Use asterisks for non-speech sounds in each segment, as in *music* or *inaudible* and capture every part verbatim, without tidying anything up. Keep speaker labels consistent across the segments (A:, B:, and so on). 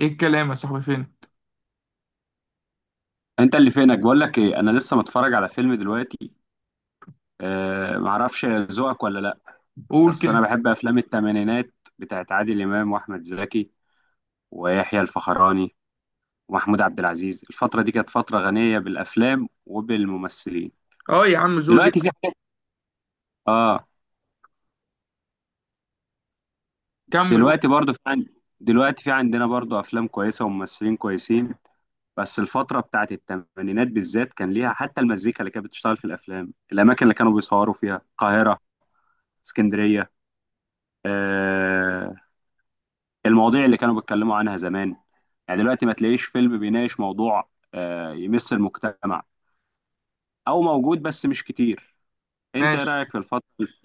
A: ايه الكلام يا صاحبي، فين؟
B: انت اللي فينك، بقول لك ايه، انا لسه متفرج على فيلم دلوقتي. أه معرفش ذوقك ولا لا.
A: قول
B: بس
A: كده.
B: انا بحب افلام الثمانينات بتاعت عادل امام واحمد زكي ويحيى الفخراني ومحمود عبد العزيز. الفتره دي كانت فتره غنيه بالافلام وبالممثلين.
A: اه، يا عم، ذوقي
B: دلوقتي في
A: جدا.
B: حاجات. اه.
A: كمل، قول.
B: دلوقتي برضو في عند دلوقتي في عندنا برضو افلام كويسه وممثلين كويسين. بس الفتره بتاعت الثمانينات بالذات كان ليها حتى المزيكا اللي كانت بتشتغل في الافلام، الاماكن اللي كانوا بيصوروا فيها، القاهره، اسكندريه. آه، المواضيع اللي كانوا بيتكلموا عنها زمان. يعني دلوقتي ما تلاقيش فيلم بيناقش موضوع آه، يمس المجتمع، او موجود بس مش كتير. انت ايه
A: ماشي.
B: رايك في الفتره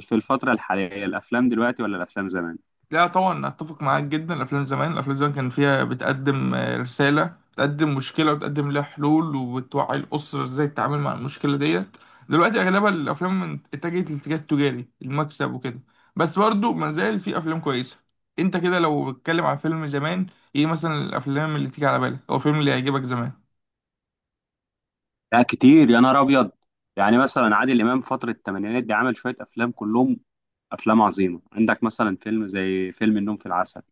B: في الفتره الحاليه، الافلام دلوقتي ولا الافلام زمان؟
A: لا طبعا، اتفق معاك جدا. الافلام زمان الافلام زمان كان فيها بتقدم آه، رساله، بتقدم مشكله وبتقدم لها حلول وبتوعي الاسره ازاي تتعامل مع المشكله ديت. دلوقتي اغلبها الافلام من- اتجهت للاتجاه التجاري المكسب وكده. بس برضه ما زال في افلام كويسه. انت كده لو بتتكلم عن فيلم زمان، ايه مثلا الافلام اللي تيجي على بالك او الفيلم اللي يعجبك زمان؟
B: لا كتير يا نهار ابيض. يعني مثلا عادل امام فتره الثمانينات دي عمل شويه افلام، كلهم افلام عظيمه. عندك مثلا فيلم زي فيلم النوم في العسل،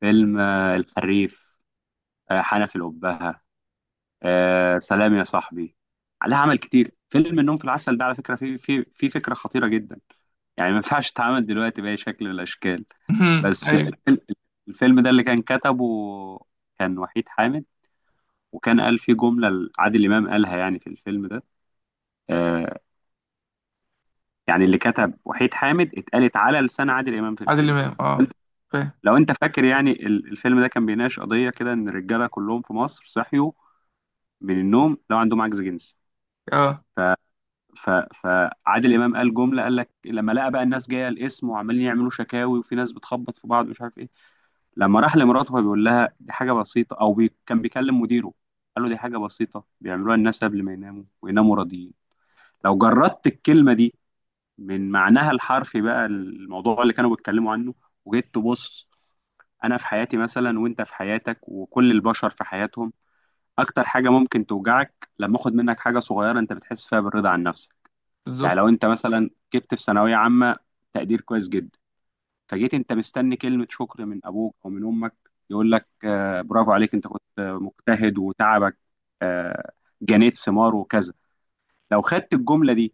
B: فيلم آه، الحريف، آه، حنفي الأبهة، آه، سلام يا صاحبي. عليها عمل كتير. فيلم النوم في العسل ده على فكره فيه فيه فيه فكره خطيره جدا، يعني ما ينفعش تتعامل دلوقتي بأي شكل من الأشكال.
A: *laughs*
B: بس
A: ايوه.
B: الفيلم، الفيلم ده اللي كان كتبه كان وحيد حامد، وكان قال فيه جملة عادل إمام قالها يعني في الفيلم ده. آه يعني اللي كتب وحيد حامد اتقالت على لسان عادل إمام في
A: عادل
B: الفيلم.
A: امام،
B: انت-
A: اه. فاهم.
B: لو أنت فاكر، يعني ال- الفيلم ده كان بيناقش قضية كده، إن الرجالة كلهم في مصر صحيوا من النوم لو عندهم عجز جنسي.
A: اه.
B: ف... فعادل إمام قال جملة، قال لك لما لقى بقى الناس جاية القسم وعمالين يعملوا شكاوي، وفي ناس بتخبط في بعض ومش عارف إيه، لما راح لمراته فبيقول لها دي حاجة بسيطة، أو بي... كان بيكلم مديره، قال له دي حاجة بسيطة بيعملوها الناس قبل ما يناموا، ويناموا راضيين. لو جردت الكلمة دي من معناها الحرفي، بقى الموضوع اللي كانوا بيتكلموا عنه. وجيت تبص، أنا في حياتي مثلا، وأنت في حياتك، وكل البشر في حياتهم، أكتر حاجة ممكن توجعك لما أخد منك حاجة صغيرة أنت بتحس فيها بالرضا عن نفسك. يعني
A: بالظبط.
B: لو أنت مثلا جبت في ثانوية عامة تقدير كويس جدا، فجيت انت مستني كلمة شكر من ابوك او من امك، يقول لك آه، برافو عليك، انت كنت مجتهد وتعبك، آه، جنيت ثمار وكذا. لو خدت الجملة دي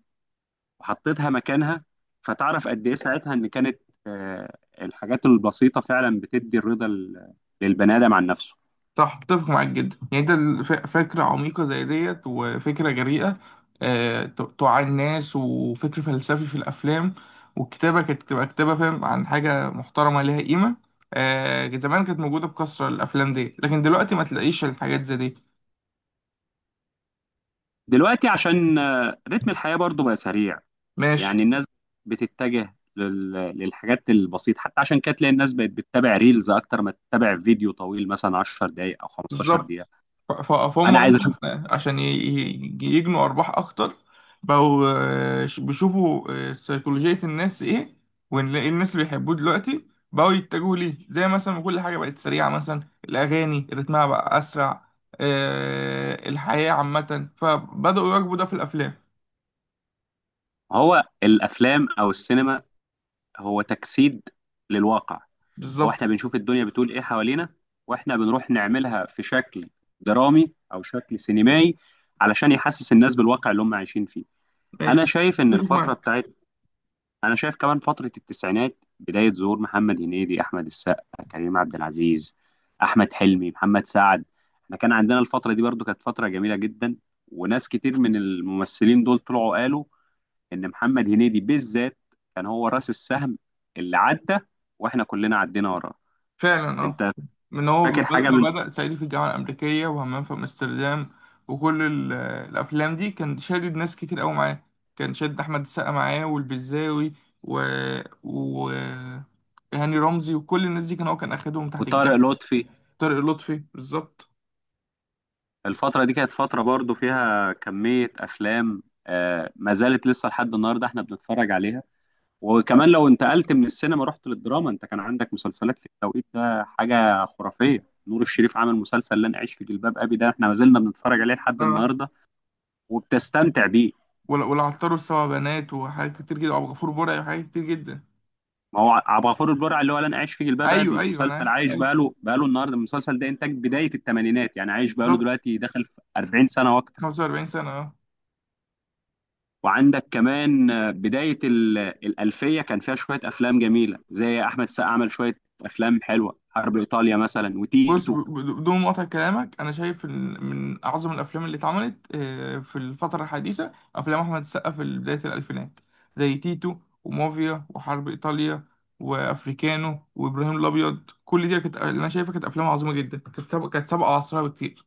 B: وحطيتها مكانها، فتعرف قد ايه ساعتها ان كانت آه، الحاجات البسيطة فعلا بتدي الرضا لل- للبني ادم عن نفسه.
A: صح، اتفق معاك جدا. يعني انت الف- فكرة عميقة زي ديت وفكرة جريئة. آه، ت- توعي الناس وفكر فلسفي في الأفلام. والكتابة كانت تبقى كتابة، فاهم، عن حاجة محترمة ليها قيمة. آه، زمان كانت موجودة بكثرة الأفلام دي، لكن دلوقتي ما تلاقيش الحاجات زي دي.
B: دلوقتي عشان آه، رتم الحياة برضو بقى سريع،
A: ماشي.
B: يعني الناس بتتجه لل- للحاجات البسيطة. حتى عشان كده تلاقي الناس بقت بتتابع ريلز أكتر ما تتابع فيديو طويل مثلا عشر دقايق أو خمستاشر دقيقة.
A: بالظبط. ف- ف-
B: أنا
A: فهم
B: عايز أشوف.
A: مثلا عشان ي- ي- يجنوا أرباح أكتر. بقوا آه، ش- بيشوفوا آه، سيكولوجية الناس إيه. واللي الناس اللي بيحبوه دلوقتي بقوا يتجهوا ليه، زي مثلا ما كل حاجة بقت سريعة، مثلا الأغاني رتمها بقى أسرع. آه، الحياة عامة، فبدأوا يواكبوا ده في الأفلام.
B: هو الأفلام أو السينما هو تجسيد للواقع. هو
A: بالظبط.
B: إحنا بنشوف الدنيا بتقول إيه حوالينا، وإحنا بنروح نعملها في شكل درامي أو شكل سينمائي علشان يحسس الناس بالواقع اللي هم عايشين فيه. أنا
A: ماشي.
B: شايف إن
A: اتفق
B: الفترة
A: معاك.
B: بتاعت، انا شايف كمان فتره التسعينات بدايه ظهور محمد هنيدي، احمد السقا، كريم عبد العزيز، احمد حلمي، محمد سعد. احنا كان عندنا الفتره دي، برضو كانت فتره جميله جدا. وناس كتير من الممثلين دول طلعوا قالوا ان محمد هنيدي بالذات كان هو راس السهم اللي عدى، واحنا كلنا عدينا وراه.
A: فعلا، اه.
B: انت
A: من هو
B: فاكر
A: ب-
B: حاجه
A: ما
B: من
A: بدأ صعيدي في الجامعة الأمريكية وهمام في أمستردام. وكل ال- الأفلام دي كان شادد ناس كتير أوي معاه. كان شادد أحمد السقا معاه والبزاوي و... و... هاني رمزي، وكل الناس دي كان هو كان أخدهم تحت
B: وطارق
A: جناحه.
B: لطفي.
A: طارق لطفي، بالظبط.
B: الفتره دي كانت فتره برضو فيها كميه افلام آه ما زالت لسه لحد النهارده احنا بنتفرج عليها. وكمان لو انتقلت من السينما، رحت للدراما، انت كان عندك مسلسلات في التوقيت ده حاجه خرافيه. نور الشريف عمل مسلسل لن اعيش في جلباب ابي، ده احنا ما زلنا بنتفرج عليه لحد
A: اه.
B: النهارده وبتستمتع بيه.
A: ولا، والعطار والسبع بنات وحاجات كتير جدا، وأبو غفور برعي وحاجات كتير جدا.
B: ما هو عبد الغفور البرع اللي هو لن اعيش في جلباب
A: أيوه،
B: ابي
A: أيوه، أنا
B: مسلسل
A: عارف،
B: عايش
A: أيوه.
B: بقاله بقاله النهارده، المسلسل ده انتاج بدايه الثمانينات، يعني عايش بقاله
A: بالظبط.
B: دلوقتي داخل في اربعين سنه واكتر.
A: خمسة وأربعين سنة، اه.
B: وعندك كمان آه، بدايه ال- الالفيه كان فيها شويه افلام جميله، زي احمد السقا عمل شويه افلام حلوه، حرب ايطاليا مثلا
A: بص، ب-
B: وتيتو.
A: ب- بدون مقاطعة كلامك، أنا شايف إن من أعظم الأفلام اللي اتعملت آه، في الفترة الحديثة أفلام أحمد السقا في بداية الألفينات، زي تيتو ومافيا وحرب إيطاليا وأفريكانو وإبراهيم الأبيض. كل دي كانت اللي أنا شايفها كانت أفلام عظيمة جدا، كانت سابقة كانت سابقة عصرها بكتير.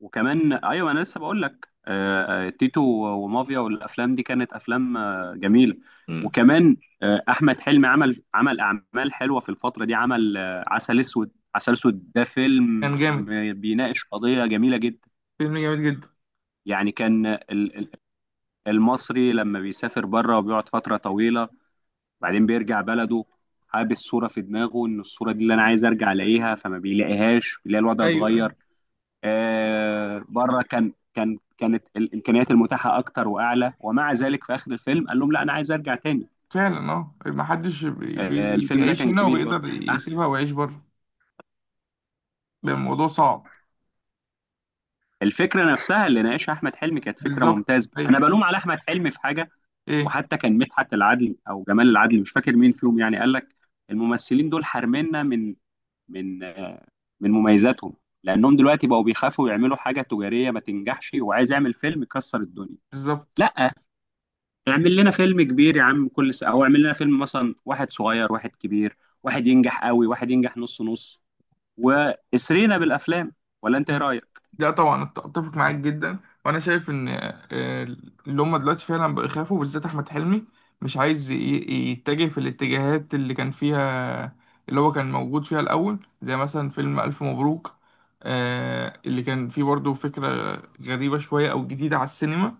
B: وكمان ايوه انا لسه بقول لك، آه، آه، تيتو ومافيا والافلام دي كانت افلام آه، جميله.
A: مم.
B: وكمان آه، احمد حلمي عمل عمل اعمال حلوه في الفتره دي، عمل آه، عسل اسود. عسل اسود ده
A: كان
B: فيلم
A: جامد.
B: بيناقش قضيه جميله جدا.
A: فيلم جامد جدا.
B: يعني كان ال- ال- المصري لما بيسافر بره وبيقعد فتره طويله، بعدين بيرجع بلده، حابس صوره في دماغه ان الصوره دي اللي انا عايز ارجع الاقيها، فما بيلاقيهاش، بيلاقي الوضع
A: أيوه، أيوه،
B: اتغير. آه، بره كان كان كانت الامكانيات المتاحه اكتر واعلى، ومع ذلك في اخر الفيلم قال لهم لا انا عايز ارجع تاني.
A: فعلا. أه، محدش بي-
B: آه،
A: بي-
B: الفيلم ده
A: بيعيش
B: كان
A: هنا
B: جميل برضه.
A: وبيقدر
B: آه،
A: يسيبها ويعيش بره. بيبقى الموضوع صعب.
B: الفكره نفسها اللي ناقشها احمد حلمي كانت فكره
A: بالظبط،
B: ممتازه،
A: أيوه.
B: انا بلوم على احمد حلمي في حاجه.
A: إيه؟
B: وحتى كان مدحت العدل او جمال العدل، مش فاكر مين فيهم، يعني قال لك الممثلين دول حارميننا من من آه، من مميزاتهم، لانهم دلوقتي بقوا بيخافوا يعملوا حاجه تجاريه ما تنجحش، وعايز يعمل فيلم يكسر الدنيا.
A: بالظبط.
B: لا، اعمل لنا فيلم كبير يا عم كل سنة، او اعمل لنا فيلم مثلا واحد صغير واحد كبير، واحد ينجح قوي واحد ينجح نص نص، واسرينا بالافلام. ولا انت ايه
A: مم.
B: رايك؟
A: لا طبعا، أت- اتفق معاك جدا. وانا شايف ان آه، اللي هم دلوقتي فعلا بقوا يخافوا، بالذات احمد حلمي. مش عايز ي- ي- يتجه في الاتجاهات اللي كان فيها، اللي هو كان موجود فيها الاول، زي مثلا فيلم الف مبروك. آه، اللي كان فيه برضه فكرة غريبة شوية او جديدة على السينما.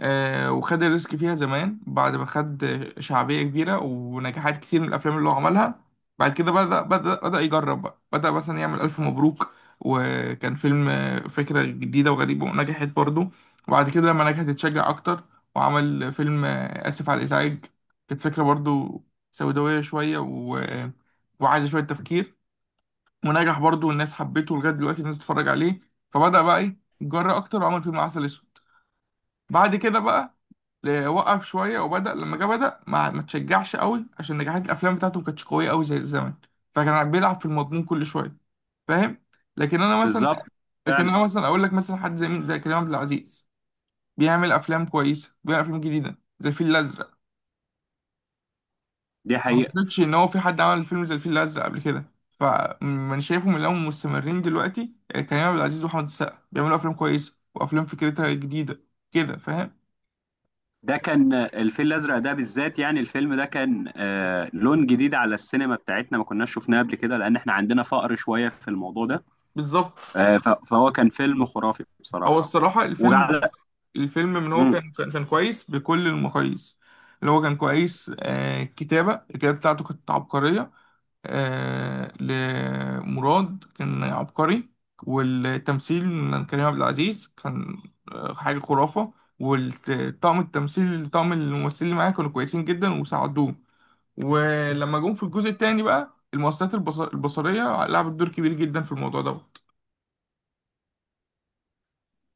A: آه، وخد الريسك فيها زمان، بعد ما خد شعبية كبيرة ونجاحات كتير من الأفلام اللي هو عملها. بعد كده بدأ بدأ بدأ يجرب بقى، بدأ مثلا يعمل ألف مبروك. وكان فيلم آه، فكرة جديدة وغريبة، ونجحت برضه. وبعد كده لما نجحت اتشجع أكتر، وعمل فيلم آه، آسف على الإزعاج. كانت فكرة برضه سوداوية شوية، و... وعايزة شوية تفكير. ونجح برضه والناس حبته، لغاية دلوقتي الناس بتتفرج عليه. فبدأ بقى إيه يتجرأ أكتر، وعمل فيلم عسل أسود. بعد كده بقى ل- وقف شويه، وبدا لما جه بدا ما ما تشجعش قوي، عشان نجاحات الافلام بتاعته ما كانتش قويه قوي زي زمان. فكان بيلعب في المضمون كل شويه. فاهم. لكن انا مثلا
B: بالظبط،
A: لكن
B: فعلا.
A: انا مثلا اقول لك مثلا حد زي مين، زي كريم عبد العزيز. بيعمل افلام كويسه، بيعمل افلام جديده زي الفيل الازرق.
B: دي
A: ما
B: حقيقة.
A: اعتقدش ان هو في حد عمل فيلم زي الفيل الازرق قبل كده. فمن شايفهم اللي هم مستمرين دلوقتي آه، كريم عبد العزيز واحمد السقا، بيعملوا افلام كويسه وافلام فكرتها جديده. كده، فاهم.
B: ده كان الفيل الازرق ده بالذات، يعني الفيلم ده كان آه لون جديد على السينما بتاعتنا، ما كناش شفناه قبل كده، لان احنا عندنا فقر شوية في الموضوع ده.
A: بالظبط.
B: آه ف- فهو كان فيلم خرافي
A: هو
B: بصراحة.
A: الصراحة، الفيلم
B: وعلى
A: الفيلم من هو كان كان كان كويس بكل المقاييس. اللي هو كان كويس. آه كتابة الكتابة بتاعته كانت عبقرية. آه لمراد كان عبقري. والتمثيل من كريم عبد العزيز كان آه حاجة خرافة. والطاقم التمثيل طاقم الممثلين اللي معاه كانوا كويسين جدا وساعدوه. ولما جم في الجزء التاني بقى، المؤثرات البص- البصرية لعبت دور كبير جدا في الموضوع دوت.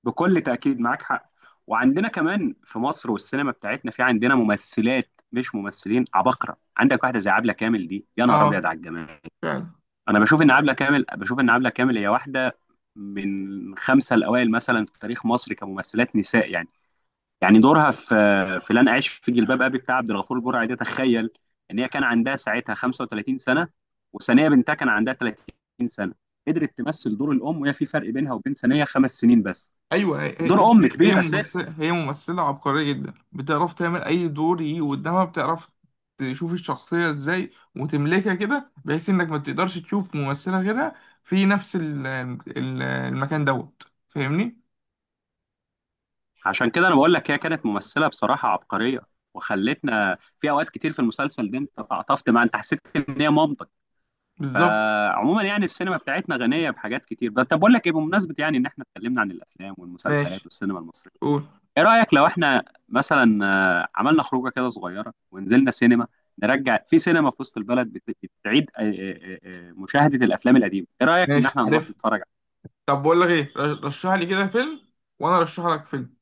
B: بكل تأكيد معاك حق. وعندنا كمان في مصر والسينما بتاعتنا في عندنا ممثلات مش ممثلين عباقرة، عندك واحدة زي عبلة كامل، دي يا نهار أبيض
A: اه،
B: على الجمال.
A: فعلا.
B: أنا بشوف إن عبلة كامل بشوف إن عبلة كامل هي واحدة من خمسة الأوائل مثلا في تاريخ مصر كممثلات نساء. يعني يعني دورها في في لن أعيش في جلباب أبي بتاع عبد الغفور البرعي ده، تخيل إن هي كان عندها ساعتها خمسة وثلاثين سنة، وثانية بنتها كان عندها تلاتين سنة، قدرت تمثل دور الأم وهي في فرق بينها وبين ثانية خمس سنين بس،
A: ايوه، هي هي
B: ودور أم
A: هي
B: كبير.
A: ممثله هي ممثله عبقريه جدا، بتعرف تعمل اي دور يجي قدامها، بتعرف تشوف الشخصيه ازاي وتملكها كده بحيث انك ما تقدرش تشوف ممثله غيرها في نفس ال- ال- المكان دوت. فاهمني؟
B: عشان كده انا بقول لك هي كانت ممثله بصراحه عبقريه، وخلتنا في اوقات كتير في المسلسل ده، انت تعاطفت معاها، انت حسيت ان هي مامتك.
A: بالظبط.
B: آه، عموما يعني السينما بتاعتنا غنيه بحاجات كتير. بس طب بقول لك ايه، بمناسبه يعني ان احنا اتكلمنا عن الافلام والمسلسلات
A: ماشي،
B: والسينما المصريه،
A: قول.
B: ايه رايك لو احنا مثلا آه، عملنا خروجه كده صغيره ونزلنا سينما، نرجع في سينما في وسط البلد بت- بتعيد آه، آه، آه، آه، مشاهده الافلام القديمه؟ ايه رايك ان
A: ماشي،
B: احنا نروح
A: عارف.
B: نتفرج؟
A: طب، بقول لك ايه، رشح لي كده فيلم، وانا ارشح لك فيلم.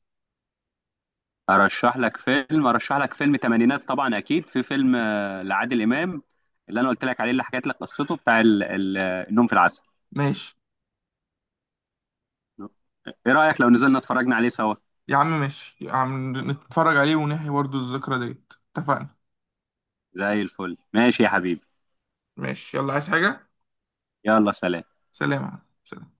B: ارشح لك فيلم ارشح لك فيلم تمانينات طبعا، اكيد في فيلم آه، لعادل امام اللي انا قلت لك عليه، اللي حكيت لك قصته، بتاع ال- ال- النوم في العسل.
A: ماشي
B: ايه رايك لو نزلنا اتفرجنا عليه سوا؟
A: يا عم، ماشي يا عم، نتفرج عليه ونحيي برضه الذكرى ديت، اتفقنا.
B: زي الفل، ماشي يا حبيبي،
A: ماشي، يلا. عايز حاجه؟
B: يلا سلام.
A: سلام يا عم. سلام.